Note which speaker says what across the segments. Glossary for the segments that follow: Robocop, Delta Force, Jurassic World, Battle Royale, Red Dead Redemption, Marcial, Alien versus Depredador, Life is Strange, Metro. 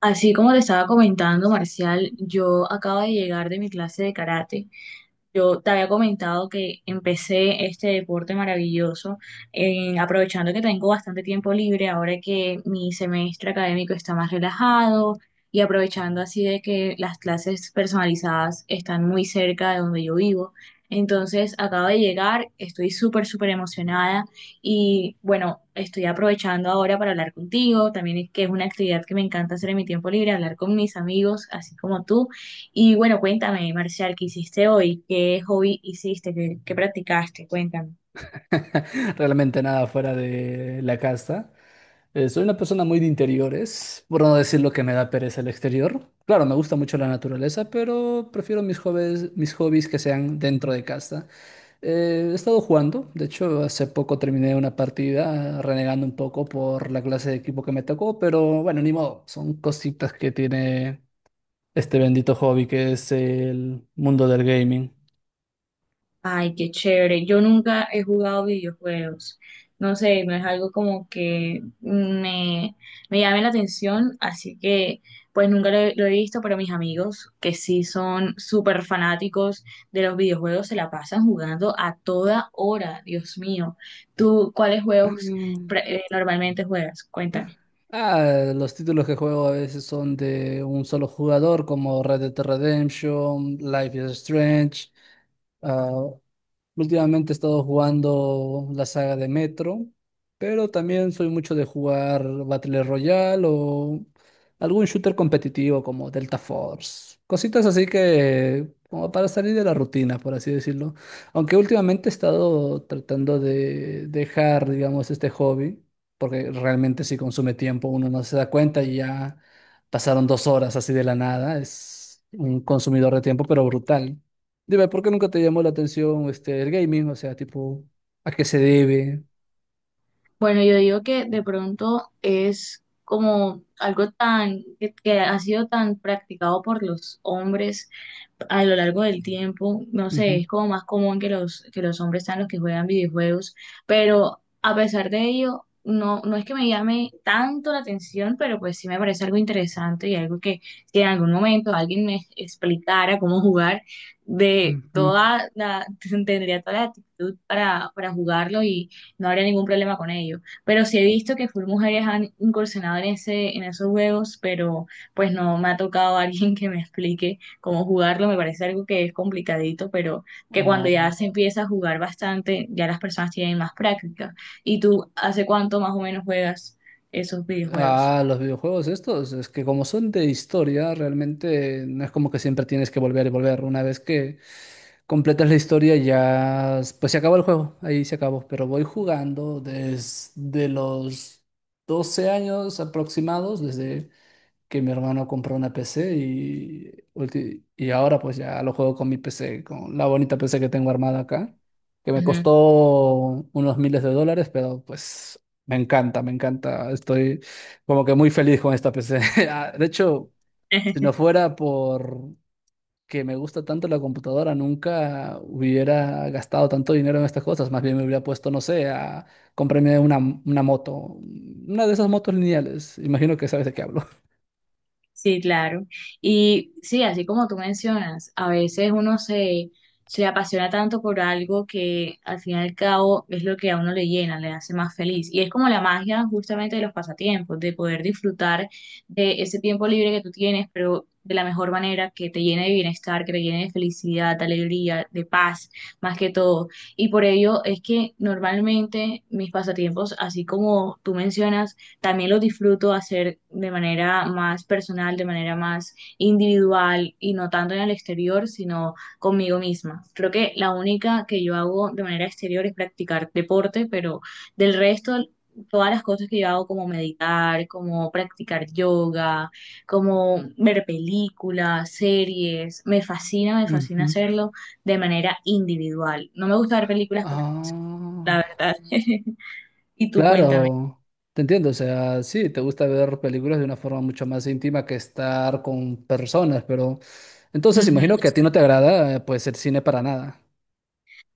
Speaker 1: Así como te estaba comentando, Marcial, yo acabo de llegar de mi clase de karate. Yo te había comentado que empecé este deporte maravilloso, aprovechando que tengo bastante tiempo libre ahora que mi semestre académico está más relajado y aprovechando así de que las clases personalizadas están muy cerca de donde yo vivo. Entonces, acabo de llegar, estoy súper, súper emocionada y bueno, estoy aprovechando ahora para hablar contigo, también es que es una actividad que me encanta hacer en mi tiempo libre, hablar con mis amigos, así como tú. Y bueno, cuéntame, Marcial, ¿qué hiciste hoy? ¿Qué hobby hiciste? ¿Qué practicaste? Cuéntame.
Speaker 2: Realmente nada fuera de la casa. Soy una persona muy de interiores, por no decir lo que me da pereza el exterior. Claro, me gusta mucho la naturaleza, pero prefiero mis hobbies que sean dentro de casa. He estado jugando, de hecho, hace poco terminé una partida renegando un poco por la clase de equipo que me tocó, pero bueno, ni modo, son cositas que tiene este bendito hobby que es el mundo del gaming.
Speaker 1: Ay, qué chévere. Yo nunca he jugado videojuegos. No sé, no es algo como que me llame la atención, así que pues nunca lo, he lo he visto, pero mis amigos que sí son súper fanáticos de los videojuegos se la pasan jugando a toda hora, Dios mío. ¿Tú cuáles juegos
Speaker 2: Mm.
Speaker 1: normalmente juegas? Cuéntame.
Speaker 2: Los títulos que juego a veces son de un solo jugador, como Red Dead Redemption, Life is Strange. ah, Últimamente he estado jugando la saga de Metro, pero también soy mucho de jugar Battle Royale o algún shooter competitivo como Delta Force. Cositas así que como para salir de la rutina, por así decirlo. Aunque últimamente he estado tratando de dejar, digamos, este hobby porque realmente si consume tiempo uno no se da cuenta y ya pasaron 2 horas así de la nada. Es un consumidor de tiempo, pero brutal. Dime, ¿por qué nunca te llamó la atención este, el gaming? O sea, tipo, ¿a qué se debe?
Speaker 1: Bueno, yo digo que de pronto es como algo que ha sido tan practicado por los hombres a lo largo del tiempo. No sé,
Speaker 2: Ujú,
Speaker 1: es como más común que los hombres sean los que juegan videojuegos, pero a pesar de ello no es que me llame tanto la atención, pero pues sí me parece algo interesante y algo que si en algún momento alguien me explicara cómo jugar de
Speaker 2: ujú.
Speaker 1: toda la tendría toda la actitud para jugarlo y no habría ningún problema con ello. Pero sí he visto que full mujeres han incursionado en esos juegos, pero pues no me ha tocado alguien que me explique cómo jugarlo. Me parece algo que es complicadito, pero que cuando
Speaker 2: Ah,
Speaker 1: ya se empieza a jugar bastante, ya las personas tienen más práctica. ¿Y tú hace cuánto más o menos juegas esos videojuegos?
Speaker 2: Los videojuegos estos, es que como son de historia, realmente no es como que siempre tienes que volver y volver. Una vez que completas la historia ya, pues se acabó el juego, ahí se acabó. Pero voy jugando desde los 12 años aproximados, desde que mi hermano compró una PC y, y ahora pues ya lo juego con mi PC, con la bonita PC que tengo armada acá, que me
Speaker 1: Ujú.
Speaker 2: costó unos miles de dólares, pero pues me encanta, me encanta. Estoy como que muy feliz con esta PC. De hecho, si no fuera por que me gusta tanto la computadora, nunca hubiera gastado tanto dinero en estas cosas. Más bien me hubiera puesto, no sé, a comprarme una moto, una de esas motos lineales. Imagino que sabes de qué hablo.
Speaker 1: Sí, claro. Y sí, así como tú mencionas, a veces uno se, se apasiona tanto por algo que al fin y al cabo es lo que a uno le llena, le hace más feliz. Y es como la magia justamente de los pasatiempos, de poder disfrutar de ese tiempo libre que tú tienes, pero de la mejor manera que te llene de bienestar, que te llene de felicidad, de alegría, de paz, más que todo. Y por ello es que normalmente mis pasatiempos, así como tú mencionas, también lo disfruto hacer de manera más personal, de manera más individual y no tanto en el exterior, sino conmigo misma. Creo que la única que yo hago de manera exterior es practicar deporte, pero del resto, todas las cosas que yo hago como meditar, como practicar yoga, como ver películas, series, me fascina
Speaker 2: Ujú.
Speaker 1: hacerlo de manera individual. No me gusta ver películas con las personas, la
Speaker 2: Ah,
Speaker 1: verdad. Y tú cuéntame.
Speaker 2: claro, te entiendo, o sea, sí, te gusta ver películas de una forma mucho más íntima que estar con personas, pero entonces
Speaker 1: Ujú.
Speaker 2: imagino que a ti no te agrada, pues el cine para nada.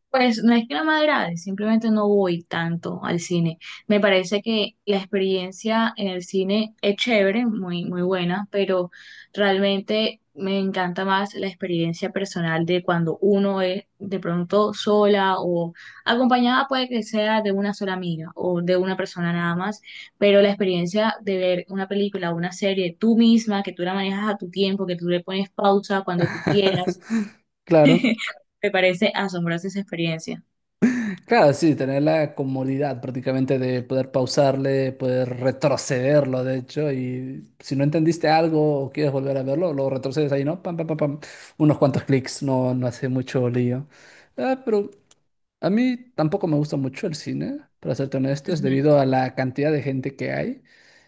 Speaker 1: Pues no es que no me agrade, simplemente no voy tanto al cine. Me parece que la experiencia en el cine es chévere, muy, muy buena, pero realmente me encanta más la experiencia personal de cuando uno es de pronto sola o acompañada, puede que sea de una sola amiga o de una persona nada más, pero la experiencia de ver una película o una serie tú misma, que tú la manejas a tu tiempo, que tú le pones pausa cuando tú quieras,
Speaker 2: Claro,
Speaker 1: me parece asombrosa esa experiencia.
Speaker 2: claro, sí, tener la comodidad prácticamente de poder pausarle, poder retrocederlo, de hecho, y si no entendiste algo o quieres volver a verlo, lo retrocedes ahí, ¿no? Pam, pam, pam, pam, unos cuantos clics, no hace mucho lío. Pero a mí tampoco me gusta mucho el cine, para serte honesto, es
Speaker 1: Ujú.
Speaker 2: debido a la cantidad de gente que hay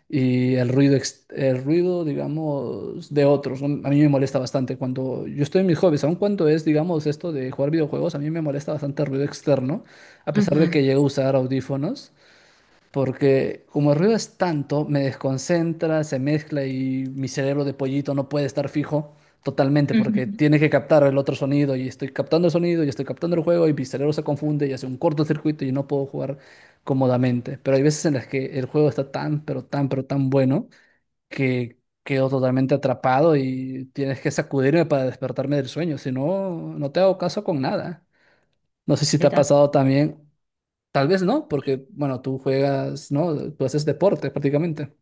Speaker 2: y el ruido, el ruido, digamos, de otros. ¿No? A mí me molesta bastante cuando yo estoy en mis hobbies, aun cuando es, digamos, esto de jugar videojuegos, a mí me molesta bastante el ruido externo, a pesar de
Speaker 1: Ujú,
Speaker 2: que llego a usar audífonos. Porque como el ruido es tanto, me desconcentra, se mezcla y mi cerebro de pollito no puede estar fijo totalmente
Speaker 1: Ujú.
Speaker 2: porque tiene que captar el otro sonido y estoy captando el sonido y estoy captando el juego y mi cerebro se confunde y hace un cortocircuito y no puedo jugar cómodamente. Pero hay veces en las que el juego está tan, pero tan, pero tan bueno que quedo totalmente atrapado y tienes que sacudirme para despertarme del sueño. Si no, no te hago caso con nada. No sé si te ha
Speaker 1: completa-
Speaker 2: pasado también. Tal vez no,
Speaker 1: Sí,
Speaker 2: porque, bueno, tú juegas, ¿no? Tú haces deporte prácticamente.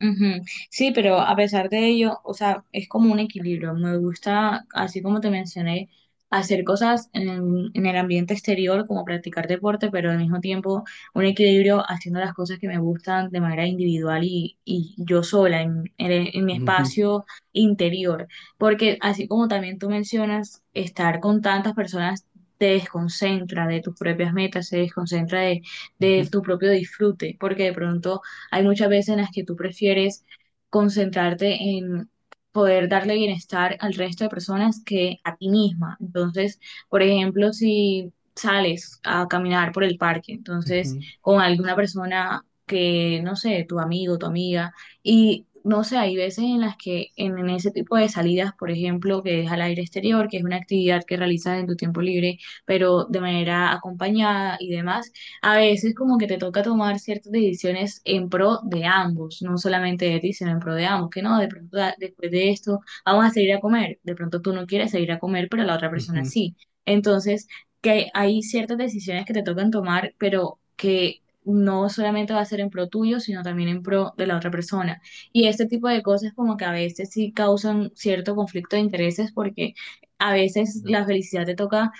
Speaker 1: Ujú. Sí, pero a pesar de ello, o sea, es como un equilibrio. Me gusta, así como te mencioné, hacer cosas en el ambiente exterior, como practicar deporte, pero al mismo tiempo un equilibrio haciendo las cosas que me gustan de manera individual y yo sola, en mi
Speaker 2: Ujú,
Speaker 1: espacio interior. Porque así como también tú mencionas, estar con tantas personas te desconcentra de tus propias metas, de
Speaker 2: ujú,
Speaker 1: tu propio disfrute, porque de pronto hay muchas veces en las que tú prefieres concentrarte en poder darle bienestar al resto de personas que a ti misma. Entonces, por ejemplo, si sales a caminar por el parque, entonces
Speaker 2: ujú,
Speaker 1: con alguna persona que, no sé, tu amigo, tu amiga, y no sé, hay veces en las que en ese tipo de salidas, por ejemplo, que es al aire exterior, que es una actividad que realizas en tu tiempo libre, pero de manera acompañada y demás, a veces como que te toca tomar ciertas decisiones en pro de ambos, no solamente de ti, sino en pro de ambos, que no, de pronto después de esto vamos a salir a comer, de pronto tú no quieres salir a comer, pero la otra persona
Speaker 2: ujú.
Speaker 1: sí. Entonces, que hay ciertas decisiones que te tocan tomar, pero que no solamente va a ser en pro tuyo, sino también en pro de la otra persona. Y este tipo de cosas como que a veces sí causan cierto conflicto de intereses porque a veces la felicidad te toca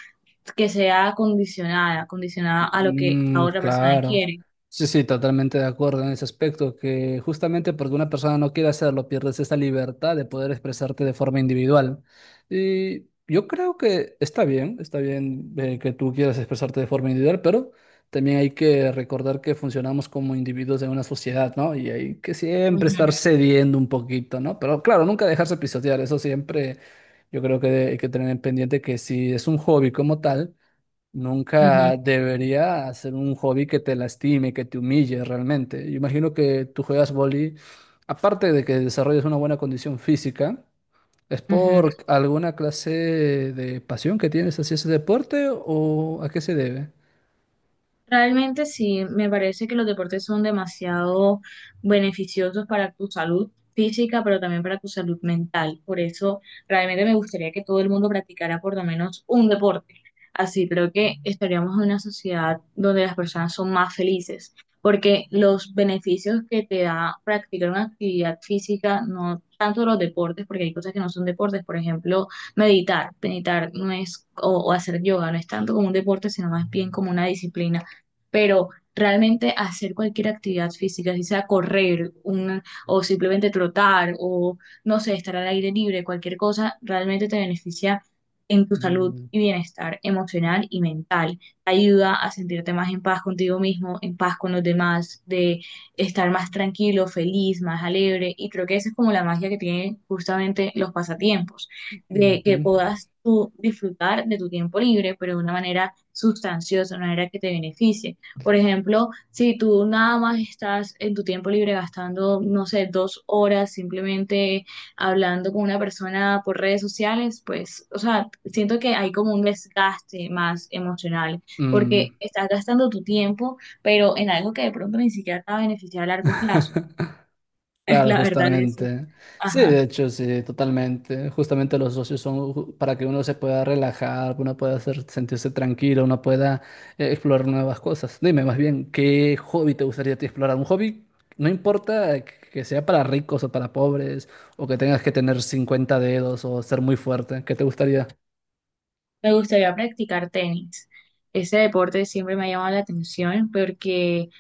Speaker 1: que sea condicionada, condicionada a lo que la
Speaker 2: Mm,
Speaker 1: otra persona
Speaker 2: claro.
Speaker 1: quiere.
Speaker 2: Sí, sí, totalmente de acuerdo en ese aspecto, que justamente porque una persona no quiere hacerlo, pierdes esa libertad de poder expresarte de forma individual. Y yo creo que está bien que tú quieras expresarte de forma individual, pero también hay que recordar que funcionamos como individuos en una sociedad, ¿no? Y hay que siempre
Speaker 1: Ujú,
Speaker 2: estar cediendo un poquito, ¿no? Pero claro, nunca dejarse pisotear, eso siempre yo creo que hay que tener en pendiente que si es un hobby como tal,
Speaker 1: ujú,
Speaker 2: nunca debería ser un hobby que te lastime, que te humille realmente. Yo imagino que tú juegas vóley, aparte de que desarrolles una buena condición física, ¿es
Speaker 1: ujú.
Speaker 2: por alguna clase de pasión que tienes hacia ese deporte o a qué se debe?
Speaker 1: Realmente sí, me parece que los deportes son demasiado beneficiosos para tu salud física, pero también para tu salud mental. Por eso realmente me gustaría que todo el mundo practicara por lo menos un deporte. Así creo que estaríamos en una sociedad donde las personas son más felices, porque los beneficios que te da practicar una actividad física, no tanto los deportes, porque hay cosas que no son deportes, por ejemplo, meditar. Meditar no es, o hacer yoga, no es tanto como un deporte, sino más bien como una disciplina pero realmente hacer cualquier actividad física, si sea correr un, o simplemente trotar o no sé, estar al aire libre, cualquier cosa, realmente te beneficia en tu salud
Speaker 2: Mm,
Speaker 1: y bienestar emocional y mental. Te ayuda a sentirte más en paz contigo mismo, en paz con los demás, de estar más tranquilo, feliz, más alegre. Y creo que esa es como la magia que tienen justamente los pasatiempos, de
Speaker 2: ujú.
Speaker 1: que puedas tú disfrutar de tu tiempo libre, pero de una manera sustanciosa, de una manera que te beneficie. Por ejemplo, si tú nada más estás en tu tiempo libre gastando, no sé, 2 horas simplemente hablando con una persona por redes sociales, pues, o sea, siento que hay como un desgaste más emocional,
Speaker 2: Mm,
Speaker 1: porque estás gastando tu tiempo, pero en algo que de pronto ni siquiera te va a beneficiar a largo plazo.
Speaker 2: claro,
Speaker 1: La verdad es,
Speaker 2: justamente. Sí,
Speaker 1: ajá.
Speaker 2: de hecho, sí, totalmente. Justamente los socios son para que uno se pueda relajar, uno pueda sentirse tranquilo, uno pueda explorar nuevas cosas. Dime más bien, ¿qué hobby te gustaría a ti explorar? Un hobby, no importa que sea para ricos o para pobres, o que tengas que tener 50 dedos o ser muy fuerte, ¿qué te gustaría?
Speaker 1: Me gustaría practicar tenis. Ese deporte siempre me ha llamado la atención porque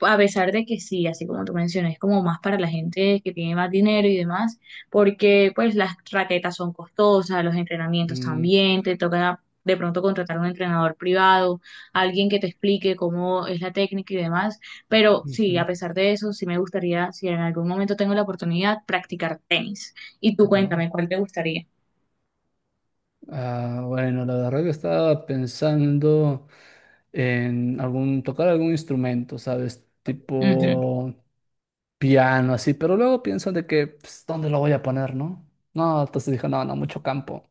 Speaker 1: a pesar de que sí, así como tú mencionas, es como más para la gente que tiene más dinero y demás, porque pues las raquetas son costosas, los entrenamientos
Speaker 2: Mm,
Speaker 1: también, te toca de pronto contratar un entrenador privado, alguien que te explique cómo es la técnica y demás, pero sí, a
Speaker 2: ujú.
Speaker 1: pesar de eso, sí me gustaría, si en algún momento tengo la oportunidad, practicar tenis. Y tú
Speaker 2: Va.
Speaker 1: cuéntame, ¿cuál te gustaría?
Speaker 2: Bueno, la verdad que estaba pensando en algún, tocar algún instrumento, ¿sabes?
Speaker 1: Ujú.
Speaker 2: Tipo piano, así, pero luego pienso de que, pues, ¿dónde lo voy a poner, no? No, entonces dije, no, no, mucho campo.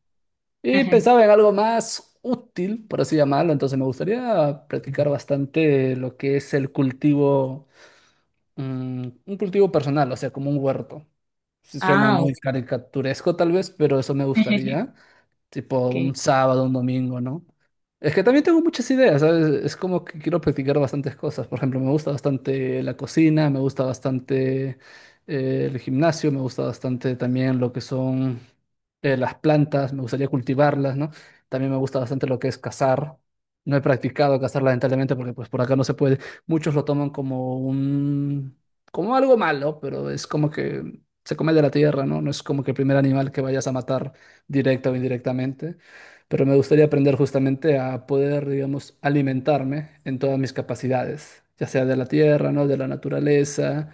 Speaker 2: Y
Speaker 1: Ajá.
Speaker 2: pensaba en algo más útil, por así llamarlo, entonces me gustaría practicar bastante lo que es el cultivo, mm, un cultivo personal, o sea, como un huerto. Sí, suena
Speaker 1: Ah,
Speaker 2: muy
Speaker 1: ok.
Speaker 2: caricaturesco tal vez, pero eso me gustaría tipo
Speaker 1: Ok.
Speaker 2: un sábado, un domingo, ¿no? Es que también tengo muchas ideas, ¿sabes? Es como que quiero practicar bastantes cosas. Por ejemplo, me gusta bastante la cocina, me gusta bastante el gimnasio, me gusta bastante también lo que son las plantas, me gustaría cultivarlas, ¿no? También me gusta bastante lo que es cazar. No he practicado cazar lamentablemente porque pues por acá no se puede. Muchos lo toman como un como algo malo, pero es como que se come de la tierra, ¿no? No es como que el primer animal que vayas a matar directa o indirectamente, pero me gustaría aprender justamente a poder, digamos, alimentarme en todas mis capacidades, ya sea de la tierra, ¿no? De la naturaleza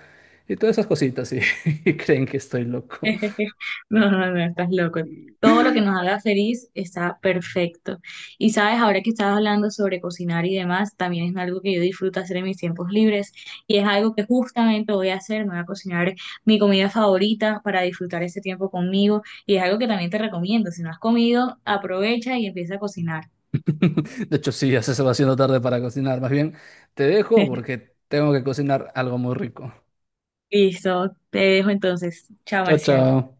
Speaker 2: y todas esas cositas, y, y creen que estoy loco.
Speaker 1: No, no, no, estás loco. Todo lo que nos haga feliz está perfecto. Y sabes, ahora que estabas hablando sobre cocinar y demás, también es algo que yo disfruto hacer en mis tiempos libres y es algo que justamente voy a hacer, me voy a cocinar mi comida favorita para disfrutar ese tiempo conmigo y es algo que también te recomiendo. Si no has comido, aprovecha y empieza a cocinar.
Speaker 2: De hecho, sí, ya se va haciendo tarde para cocinar. Más bien, te dejo porque tengo que cocinar algo muy rico.
Speaker 1: Listo, te dejo entonces. Chao,
Speaker 2: Chao,
Speaker 1: Marcial.
Speaker 2: chao.